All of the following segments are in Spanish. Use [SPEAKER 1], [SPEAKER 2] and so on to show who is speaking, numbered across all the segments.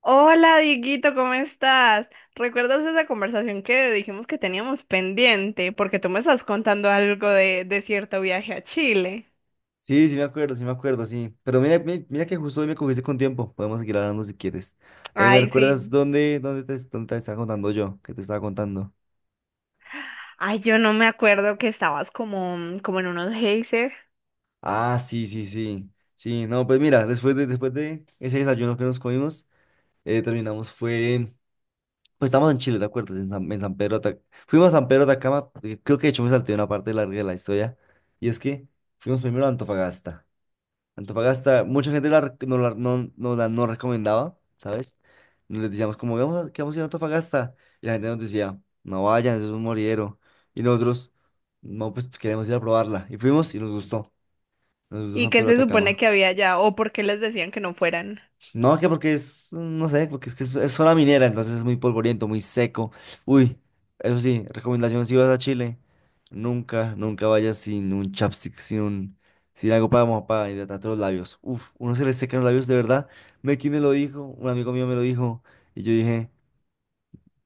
[SPEAKER 1] Hola, Dieguito, ¿cómo estás? ¿Recuerdas esa conversación que dijimos que teníamos pendiente? Porque tú me estás contando algo de cierto viaje a Chile.
[SPEAKER 2] Sí, sí me acuerdo, sí me acuerdo, sí. Pero mira, mira que justo hoy me cogiste con tiempo. Podemos seguir hablando si quieres. ¿Me
[SPEAKER 1] Ay,
[SPEAKER 2] recuerdas
[SPEAKER 1] sí.
[SPEAKER 2] dónde te estaba contando yo? ¿Qué te estaba contando?
[SPEAKER 1] Ay, yo no me acuerdo, que estabas como, como en unos geysers.
[SPEAKER 2] Ah, sí, sí, sí. Sí, no, pues mira, después de ese desayuno que nos comimos, terminamos, fue, pues estamos en Chile, ¿te acuerdas? En San Pedro, de Atac- Fuimos a San Pedro de Atacama. Eh, creo que de hecho me salté una parte larga de la historia, y es que fuimos primero a Antofagasta. Antofagasta, mucha gente la, rec- no, la, no, no la no recomendaba, ¿sabes? Nos les decíamos como, vamos a, que vamos a ir a Antofagasta. Y la gente nos decía, no vayan, eso es un moridero. Y nosotros, no, pues queremos ir a probarla. Y fuimos y nos gustó. Nos gustó
[SPEAKER 1] ¿Y
[SPEAKER 2] San
[SPEAKER 1] qué
[SPEAKER 2] Pedro de
[SPEAKER 1] se supone
[SPEAKER 2] Atacama.
[SPEAKER 1] que había allá? ¿O por qué les decían que no fueran?
[SPEAKER 2] No, que no sé, porque es que es zona minera, entonces es muy polvoriento, muy seco. Uy, eso sí, recomendación si vas a Chile, nunca, nunca vayas sin un chapstick, sin algo para hidratarte los labios. Uf, uno se le secan los labios, de verdad. Meki me lo dijo, un amigo mío me lo dijo, y yo dije,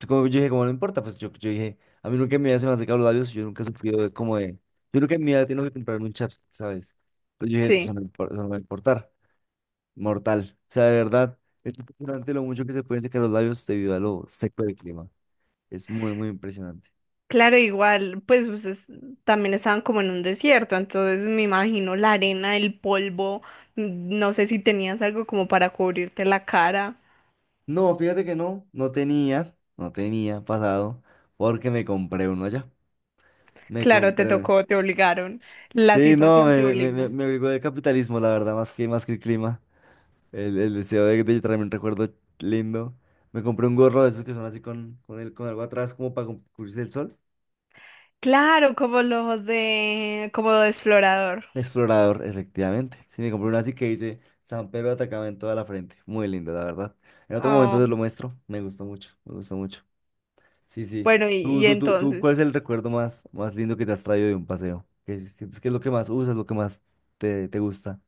[SPEAKER 2] yo dije, como no importa, pues yo dije, a mí nunca en mi vida se me han secado los labios, yo nunca he sufrido yo nunca en mi vida tengo que comprarme un chapstick, ¿sabes? Entonces yo dije, "Pues,
[SPEAKER 1] Sí.
[SPEAKER 2] eso no va a importar." Mortal. O sea, de verdad, es impresionante lo mucho que se pueden secar los labios debido a lo seco del clima. Es muy, muy impresionante.
[SPEAKER 1] Claro, igual, pues ustedes también estaban como en un desierto, entonces me imagino la arena, el polvo, no sé si tenías algo como para cubrirte la cara.
[SPEAKER 2] No, fíjate que no, no tenía pasado, porque me compré uno allá. Me
[SPEAKER 1] Claro, te
[SPEAKER 2] compré.
[SPEAKER 1] tocó, te obligaron. La
[SPEAKER 2] Sí, no,
[SPEAKER 1] situación te
[SPEAKER 2] me, me, me,
[SPEAKER 1] obligó.
[SPEAKER 2] me obligó el capitalismo, la verdad, más que el clima. El deseo de traerme un recuerdo lindo. Me compré un gorro de esos que son así con algo atrás, como para cubrirse el sol.
[SPEAKER 1] Claro, como los de, como de explorador.
[SPEAKER 2] Explorador, efectivamente. Sí, me compré una así que dice San Pedro de en toda la frente. Muy lindo, la verdad. En otro
[SPEAKER 1] Ah,
[SPEAKER 2] momento te lo muestro. Me gustó mucho, me gustó mucho. Sí, sí.
[SPEAKER 1] bueno, y, y entonces.
[SPEAKER 2] Cuál es el recuerdo más, más lindo que te has traído de un paseo? ¿Qué sientes que es lo que más usas, lo que más te gusta?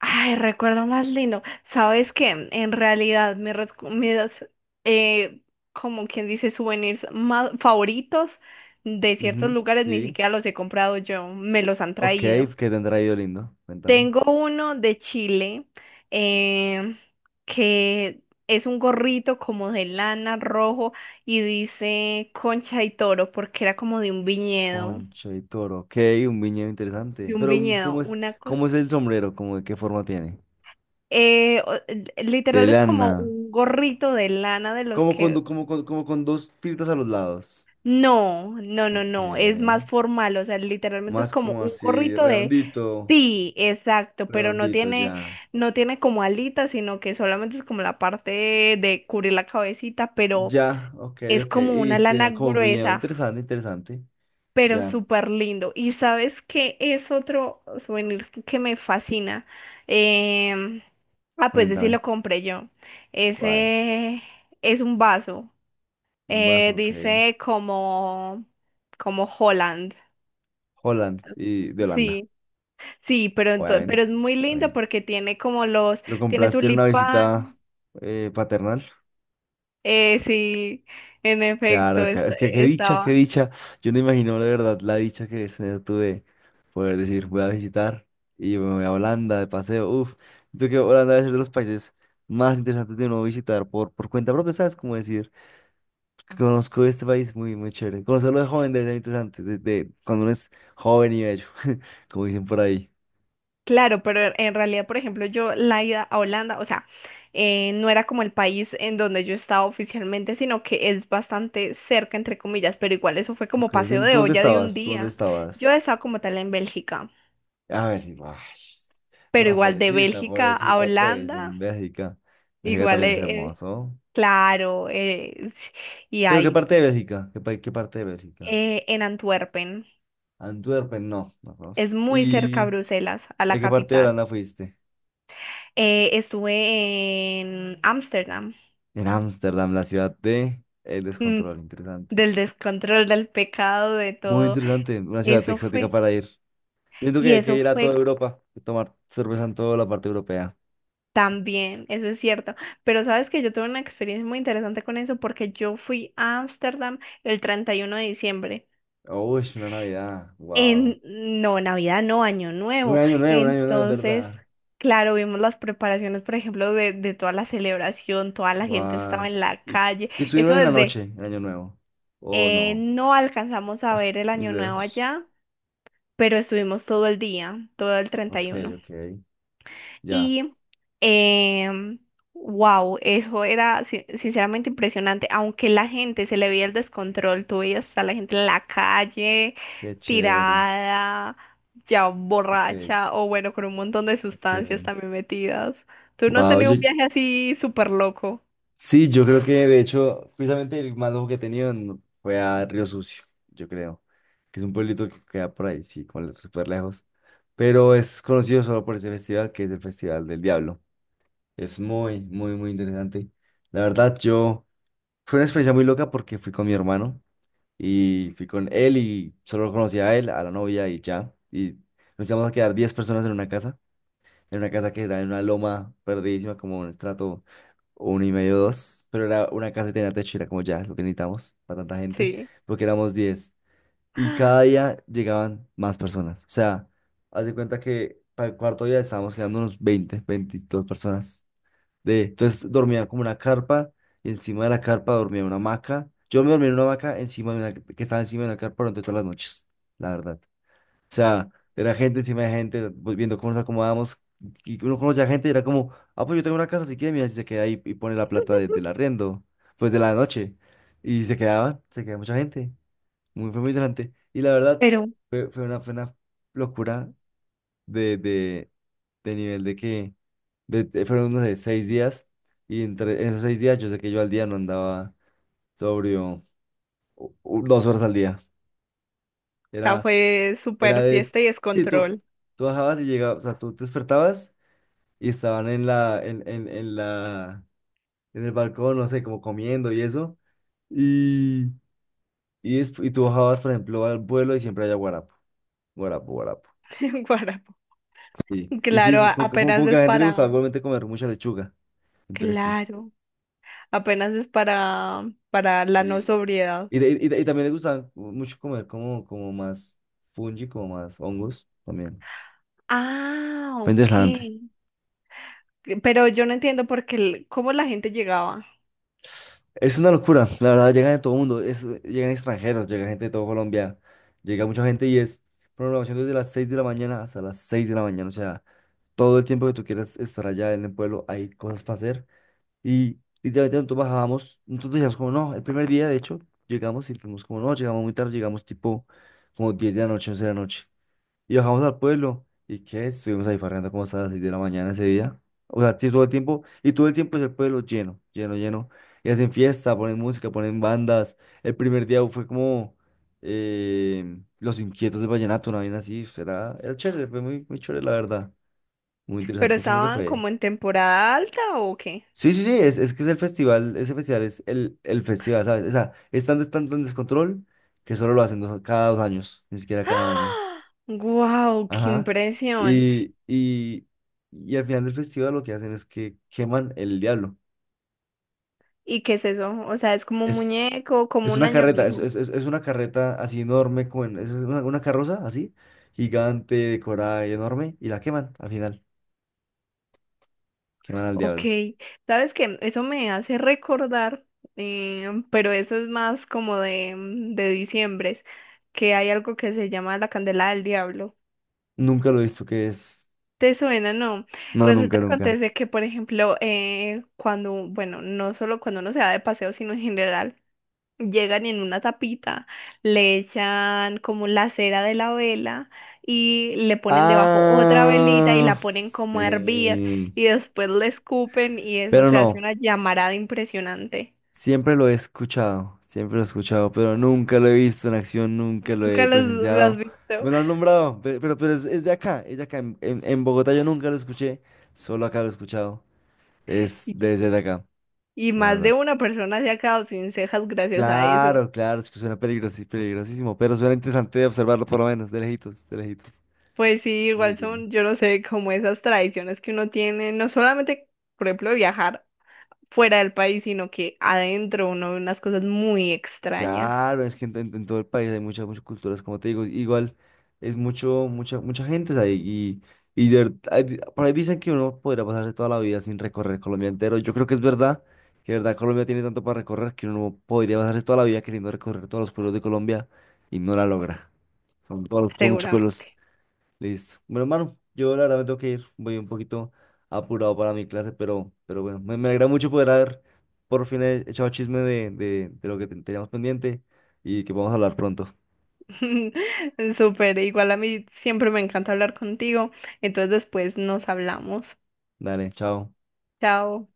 [SPEAKER 1] Ay, recuerdo más lindo. Sabes que en realidad mis, eh, como quien dice, souvenirs más favoritos de ciertos
[SPEAKER 2] Ujú,
[SPEAKER 1] lugares ni
[SPEAKER 2] sí.
[SPEAKER 1] siquiera los he comprado yo, me los han
[SPEAKER 2] Ok, ¿qué
[SPEAKER 1] traído.
[SPEAKER 2] te han traído lindo? Cuéntame.
[SPEAKER 1] Tengo uno de Chile, em, que es un gorrito como de lana rojo y dice Concha y Toro, porque era como
[SPEAKER 2] Poncho y toro. Ok, un viñedo interesante.
[SPEAKER 1] de un
[SPEAKER 2] Pero,
[SPEAKER 1] viñedo,
[SPEAKER 2] ¿cómo es,
[SPEAKER 1] una cosa.
[SPEAKER 2] cómo es el sombrero? ¿ de qué forma tiene? De
[SPEAKER 1] Literal es como
[SPEAKER 2] lana.
[SPEAKER 1] un gorrito de lana de los
[SPEAKER 2] Como con,
[SPEAKER 1] que...
[SPEAKER 2] do- como, con- Como con dos tiritas a los lados.
[SPEAKER 1] No, no, no,
[SPEAKER 2] Ok.
[SPEAKER 1] no, es más formal, o sea, literalmente es
[SPEAKER 2] Más
[SPEAKER 1] como
[SPEAKER 2] como
[SPEAKER 1] un
[SPEAKER 2] así,
[SPEAKER 1] gorrito de.
[SPEAKER 2] redondito,
[SPEAKER 1] Sí, exacto, pero no
[SPEAKER 2] redondito,
[SPEAKER 1] tiene,
[SPEAKER 2] ya.
[SPEAKER 1] no tiene como alitas, sino que solamente es como la parte de cubrir la cabecita, pero
[SPEAKER 2] Ya, ok,
[SPEAKER 1] es
[SPEAKER 2] ok.
[SPEAKER 1] como
[SPEAKER 2] Y
[SPEAKER 1] una lana
[SPEAKER 2] dice, como un viñedo,
[SPEAKER 1] gruesa,
[SPEAKER 2] interesante, interesante.
[SPEAKER 1] pero
[SPEAKER 2] Ya,
[SPEAKER 1] súper lindo. Y sabes que es otro souvenir que me fascina. Em, pues ese sí
[SPEAKER 2] cuéntame,
[SPEAKER 1] lo compré yo.
[SPEAKER 2] ¿cuál?
[SPEAKER 1] Ese es un vaso.
[SPEAKER 2] Un vaso, ok.
[SPEAKER 1] Dice como, como Holland.
[SPEAKER 2] Holland y de Holanda,
[SPEAKER 1] Sí. Sí, pero, pero
[SPEAKER 2] obviamente.
[SPEAKER 1] es muy lindo
[SPEAKER 2] Obviamente.
[SPEAKER 1] porque tiene como los,
[SPEAKER 2] ¿Lo
[SPEAKER 1] tiene
[SPEAKER 2] compraste en una
[SPEAKER 1] tulipán,
[SPEAKER 2] visita paternal?
[SPEAKER 1] sí, en
[SPEAKER 2] Claro,
[SPEAKER 1] efecto,
[SPEAKER 2] claro. Es que qué dicha, qué
[SPEAKER 1] estaba.
[SPEAKER 2] dicha. Yo no imagino de verdad la dicha que es tener tú de poder decir, voy a visitar y me voy a Holanda de paseo. Uf, yo creo que Holanda debe ser de los países más interesantes de uno visitar por cuenta propia, ¿sabes? Como decir, conozco este país muy, muy chévere. Conocerlo de joven debe ser interesante, de cuando uno es joven y bello, como dicen por ahí.
[SPEAKER 1] Claro, pero en realidad, por ejemplo, yo la ida a Holanda, o sea, no era como el país en donde yo estaba oficialmente, sino que es bastante cerca, entre comillas, pero igual eso fue como
[SPEAKER 2] Ok,
[SPEAKER 1] paseo
[SPEAKER 2] ¿tú
[SPEAKER 1] de
[SPEAKER 2] dónde
[SPEAKER 1] olla de un
[SPEAKER 2] estabas? ¿Tú dónde
[SPEAKER 1] día. Yo
[SPEAKER 2] estabas?
[SPEAKER 1] estaba como tal en Bélgica,
[SPEAKER 2] A ver, sí, ay,
[SPEAKER 1] pero
[SPEAKER 2] no,
[SPEAKER 1] igual de
[SPEAKER 2] pobrecita,
[SPEAKER 1] Bélgica a
[SPEAKER 2] pobrecita, pues,
[SPEAKER 1] Holanda,
[SPEAKER 2] en Bélgica. Bélgica
[SPEAKER 1] igual,
[SPEAKER 2] también es hermoso.
[SPEAKER 1] claro, y
[SPEAKER 2] ¿Pero qué
[SPEAKER 1] ahí,
[SPEAKER 2] parte de Bélgica? ¿ qué parte de Bélgica?
[SPEAKER 1] en Antwerpen.
[SPEAKER 2] Antwerpen, no, no
[SPEAKER 1] Es
[SPEAKER 2] conozco.
[SPEAKER 1] muy cerca a
[SPEAKER 2] ¿Y
[SPEAKER 1] Bruselas, a la
[SPEAKER 2] a qué parte de
[SPEAKER 1] capital.
[SPEAKER 2] Holanda fuiste?
[SPEAKER 1] Estuve en Ámsterdam.
[SPEAKER 2] En Ámsterdam, la ciudad de el
[SPEAKER 1] Mm,
[SPEAKER 2] descontrol, interesante.
[SPEAKER 1] Del descontrol, del pecado, de
[SPEAKER 2] Muy
[SPEAKER 1] todo.
[SPEAKER 2] interesante, una ciudad
[SPEAKER 1] Eso
[SPEAKER 2] exótica
[SPEAKER 1] fue.
[SPEAKER 2] para ir. Siento que
[SPEAKER 1] Y
[SPEAKER 2] hay que
[SPEAKER 1] eso
[SPEAKER 2] ir a toda
[SPEAKER 1] fue
[SPEAKER 2] Europa, y tomar cerveza en toda la parte europea.
[SPEAKER 1] también, eso es cierto. Pero sabes que yo tuve una experiencia muy interesante con eso porque yo fui a Ámsterdam el 31 de diciembre.
[SPEAKER 2] Uy, una Navidad, wow.
[SPEAKER 1] En, no, Navidad, no, Año Nuevo.
[SPEAKER 2] Un año nuevo, es
[SPEAKER 1] Entonces,
[SPEAKER 2] verdad.
[SPEAKER 1] claro, vimos las preparaciones, por ejemplo, de toda la celebración, toda la gente
[SPEAKER 2] Guau.
[SPEAKER 1] estaba en la
[SPEAKER 2] ¿Y,
[SPEAKER 1] calle.
[SPEAKER 2] y estuvieron
[SPEAKER 1] Eso
[SPEAKER 2] en la
[SPEAKER 1] desde.
[SPEAKER 2] noche, el año nuevo? Oh, no.
[SPEAKER 1] No alcanzamos a
[SPEAKER 2] Ah,
[SPEAKER 1] ver el
[SPEAKER 2] mis
[SPEAKER 1] año nuevo
[SPEAKER 2] dedos.
[SPEAKER 1] allá, pero estuvimos todo el día, todo el
[SPEAKER 2] Ok,
[SPEAKER 1] 31.
[SPEAKER 2] ok. Ya,
[SPEAKER 1] Y, uno. Y, wow, eso era sinceramente impresionante, aunque la gente se le veía el descontrol, tú veías a la gente en la calle,
[SPEAKER 2] qué chévere.
[SPEAKER 1] tirada, ya
[SPEAKER 2] Ok.
[SPEAKER 1] borracha, o bueno, con un montón de sustancias
[SPEAKER 2] Okay.
[SPEAKER 1] también metidas. ¿Tú no has
[SPEAKER 2] Wow,
[SPEAKER 1] tenido
[SPEAKER 2] yo,
[SPEAKER 1] un viaje así súper loco?
[SPEAKER 2] sí, yo creo que de hecho, precisamente el más loco que he tenido fue a Río Sucio, yo creo, que es un pueblito que queda por ahí, sí, como súper lejos, pero es conocido solo por ese festival que es el Festival del Diablo. Es muy, muy, muy interesante. La verdad, yo fue una experiencia muy loca porque fui con mi hermano y fui con él y solo conocía a él, a la novia y ya, y nos íbamos a quedar 10 personas en una casa. Era una casa que era en una loma perdidísima, como un estrato uno y medio, dos. Pero era una casa que tenía techo, y era como ya, lo que necesitamos para tanta gente,
[SPEAKER 1] Sí.
[SPEAKER 2] porque éramos 10. Y cada día llegaban más personas. O sea, haz de cuenta que para el cuarto día estábamos quedando unos 20 22 personas. Entonces dormía como una carpa, y encima de la carpa dormía una hamaca. Yo me dormía en una hamaca encima de una, que estaba encima de una carpa durante todas las noches, la verdad. O sea, era gente encima de gente, pues, viendo cómo nos acomodamos. Y uno conoce a gente y era como, ah, pues yo tengo una casa, si quiere, mira, si se queda ahí y pone la plata del arriendo, pues de la noche. Y se quedaban, se quedaba mucha gente. Fue muy interesante. Y la verdad,
[SPEAKER 1] Pero, o
[SPEAKER 2] fue una locura de, de, de nivel de que fueron, unos 6 días. Y entre en esos 6 días, yo sé que yo al día no andaba sobrio 2 horas al día.
[SPEAKER 1] sea,
[SPEAKER 2] Era.
[SPEAKER 1] fue
[SPEAKER 2] Era
[SPEAKER 1] súper
[SPEAKER 2] de,
[SPEAKER 1] fiesta y
[SPEAKER 2] sí, tú,
[SPEAKER 1] descontrol.
[SPEAKER 2] tú bajabas y llegabas, o sea, tú te despertabas y estaban en la, en la, en el balcón, no sé, como comiendo y eso. Y, y tú bajabas, por ejemplo, al vuelo y siempre había guarapo, guarapo, guarapo.
[SPEAKER 1] Guarapo.
[SPEAKER 2] Sí. Y sí,
[SPEAKER 1] Claro,
[SPEAKER 2] sí, como, como-
[SPEAKER 1] apenas
[SPEAKER 2] como que a
[SPEAKER 1] es
[SPEAKER 2] la gente le
[SPEAKER 1] para,
[SPEAKER 2] gustaba igualmente comer mucha lechuga. Entonces sí.
[SPEAKER 1] claro, apenas es para la no
[SPEAKER 2] Y,
[SPEAKER 1] sobriedad.
[SPEAKER 2] y también le gustaba mucho comer como, más fungi, como más hongos también.
[SPEAKER 1] Ah,
[SPEAKER 2] Fue
[SPEAKER 1] ok.
[SPEAKER 2] interesante.
[SPEAKER 1] Pero yo no entiendo por qué, cómo la gente llegaba.
[SPEAKER 2] Es una locura, la verdad, llegan de todo el mundo, llegan extranjeros, llega gente de todo Colombia, llega mucha gente y es programación desde las 6 de la mañana hasta las 6 de la mañana, o sea, todo el tiempo que tú quieras estar allá en el pueblo hay cosas para hacer y literalmente nosotros bajábamos, nosotros decíamos como no, el primer día de hecho llegamos y fuimos como no, llegamos muy tarde, llegamos tipo como 10 de la noche, 11 de la noche y bajamos al pueblo. ¿Y qué? Estuvimos ahí farreando como hasta las 6 de la mañana ese día. O sea, sí, todo el tiempo. Y todo el tiempo es el pueblo lleno, lleno, lleno. Y hacen fiesta, ponen música, ponen bandas. El primer día fue como Los Inquietos de Vallenato, una vaina así. Era chévere, fue muy, muy chévere, la verdad. Muy
[SPEAKER 1] ¿Pero
[SPEAKER 2] interesante, pienso que
[SPEAKER 1] estaban
[SPEAKER 2] fue.
[SPEAKER 1] como en temporada alta o qué?
[SPEAKER 2] Sí, sí, sí, es que es el festival, ese festival es el festival, ¿sabes? O sea, es tan, tan, tan descontrol que solo lo hacen cada 2 años, ni siquiera cada año.
[SPEAKER 1] ¡Ah! ¡Guau! ¡Qué
[SPEAKER 2] Ajá.
[SPEAKER 1] impresión!
[SPEAKER 2] Y, y, y al final del festival lo que hacen es que queman el diablo.
[SPEAKER 1] ¿Y qué es eso? O sea, es como un
[SPEAKER 2] Es,
[SPEAKER 1] muñeco, como
[SPEAKER 2] es
[SPEAKER 1] un
[SPEAKER 2] una carreta, es,
[SPEAKER 1] añolijo.
[SPEAKER 2] es, es es una carreta así enorme, es una carroza así, gigante, decorada y enorme, y la queman al final. Queman al
[SPEAKER 1] Ok,
[SPEAKER 2] diablo.
[SPEAKER 1] sabes que eso me hace recordar, pero eso es más como de, de diciembre, que hay algo que se llama la candela del diablo.
[SPEAKER 2] Nunca lo he visto que es.
[SPEAKER 1] ¿Te suena? No.
[SPEAKER 2] No,
[SPEAKER 1] Resulta
[SPEAKER 2] nunca,
[SPEAKER 1] que
[SPEAKER 2] nunca.
[SPEAKER 1] acontece que, por ejemplo, cuando, bueno, no solo cuando uno se va de paseo, sino en general. Llegan y en una tapita, le echan como la cera de la vela y le ponen debajo otra velita y
[SPEAKER 2] Ah,
[SPEAKER 1] la ponen como a hervir,
[SPEAKER 2] sí.
[SPEAKER 1] y después le escupen y eso
[SPEAKER 2] Pero
[SPEAKER 1] se hace
[SPEAKER 2] no.
[SPEAKER 1] una llamarada impresionante.
[SPEAKER 2] Siempre lo he escuchado, siempre lo he escuchado, pero nunca lo he visto en acción, nunca lo he
[SPEAKER 1] Nunca lo has
[SPEAKER 2] presenciado.
[SPEAKER 1] visto.
[SPEAKER 2] Me lo han nombrado, pero es de acá, es de acá. En Bogotá yo nunca lo escuché, solo acá lo he escuchado. Es
[SPEAKER 1] Y,
[SPEAKER 2] desde de acá,
[SPEAKER 1] y
[SPEAKER 2] la
[SPEAKER 1] más de
[SPEAKER 2] verdad.
[SPEAKER 1] una persona se ha quedado sin cejas gracias a eso.
[SPEAKER 2] Claro, claro, es que suena peligrosísimo, pero suena interesante de observarlo por lo menos, de lejitos, de lejitos.
[SPEAKER 1] Pues sí, igual son, yo no sé, como esas tradiciones que uno tiene, no solamente, por ejemplo, viajar fuera del país, sino que adentro uno ve unas cosas muy extrañas.
[SPEAKER 2] Claro, es que en todo el país hay muchas, muchas culturas, como te digo, igual es mucho, mucha, mucha gente, o sea, y de ver- hay di- por ahí dicen que uno podría pasarse toda la vida sin recorrer Colombia entero. Yo creo que es verdad, que de verdad Colombia tiene tanto para recorrer que uno no podría pasarse toda la vida queriendo recorrer todos los pueblos de Colombia y no la logra. Son muchos pueblos.
[SPEAKER 1] Seguramente.
[SPEAKER 2] Listo. Bueno, hermano, yo la verdad me tengo que ir. Voy un poquito apurado para mi clase, pero bueno, me alegra mucho poder haber por fin echado chisme de lo que teníamos pendiente y que podamos hablar pronto.
[SPEAKER 1] Súper, igual a mí siempre me encanta hablar contigo. Entonces después nos hablamos.
[SPEAKER 2] Dale, chao.
[SPEAKER 1] Chao.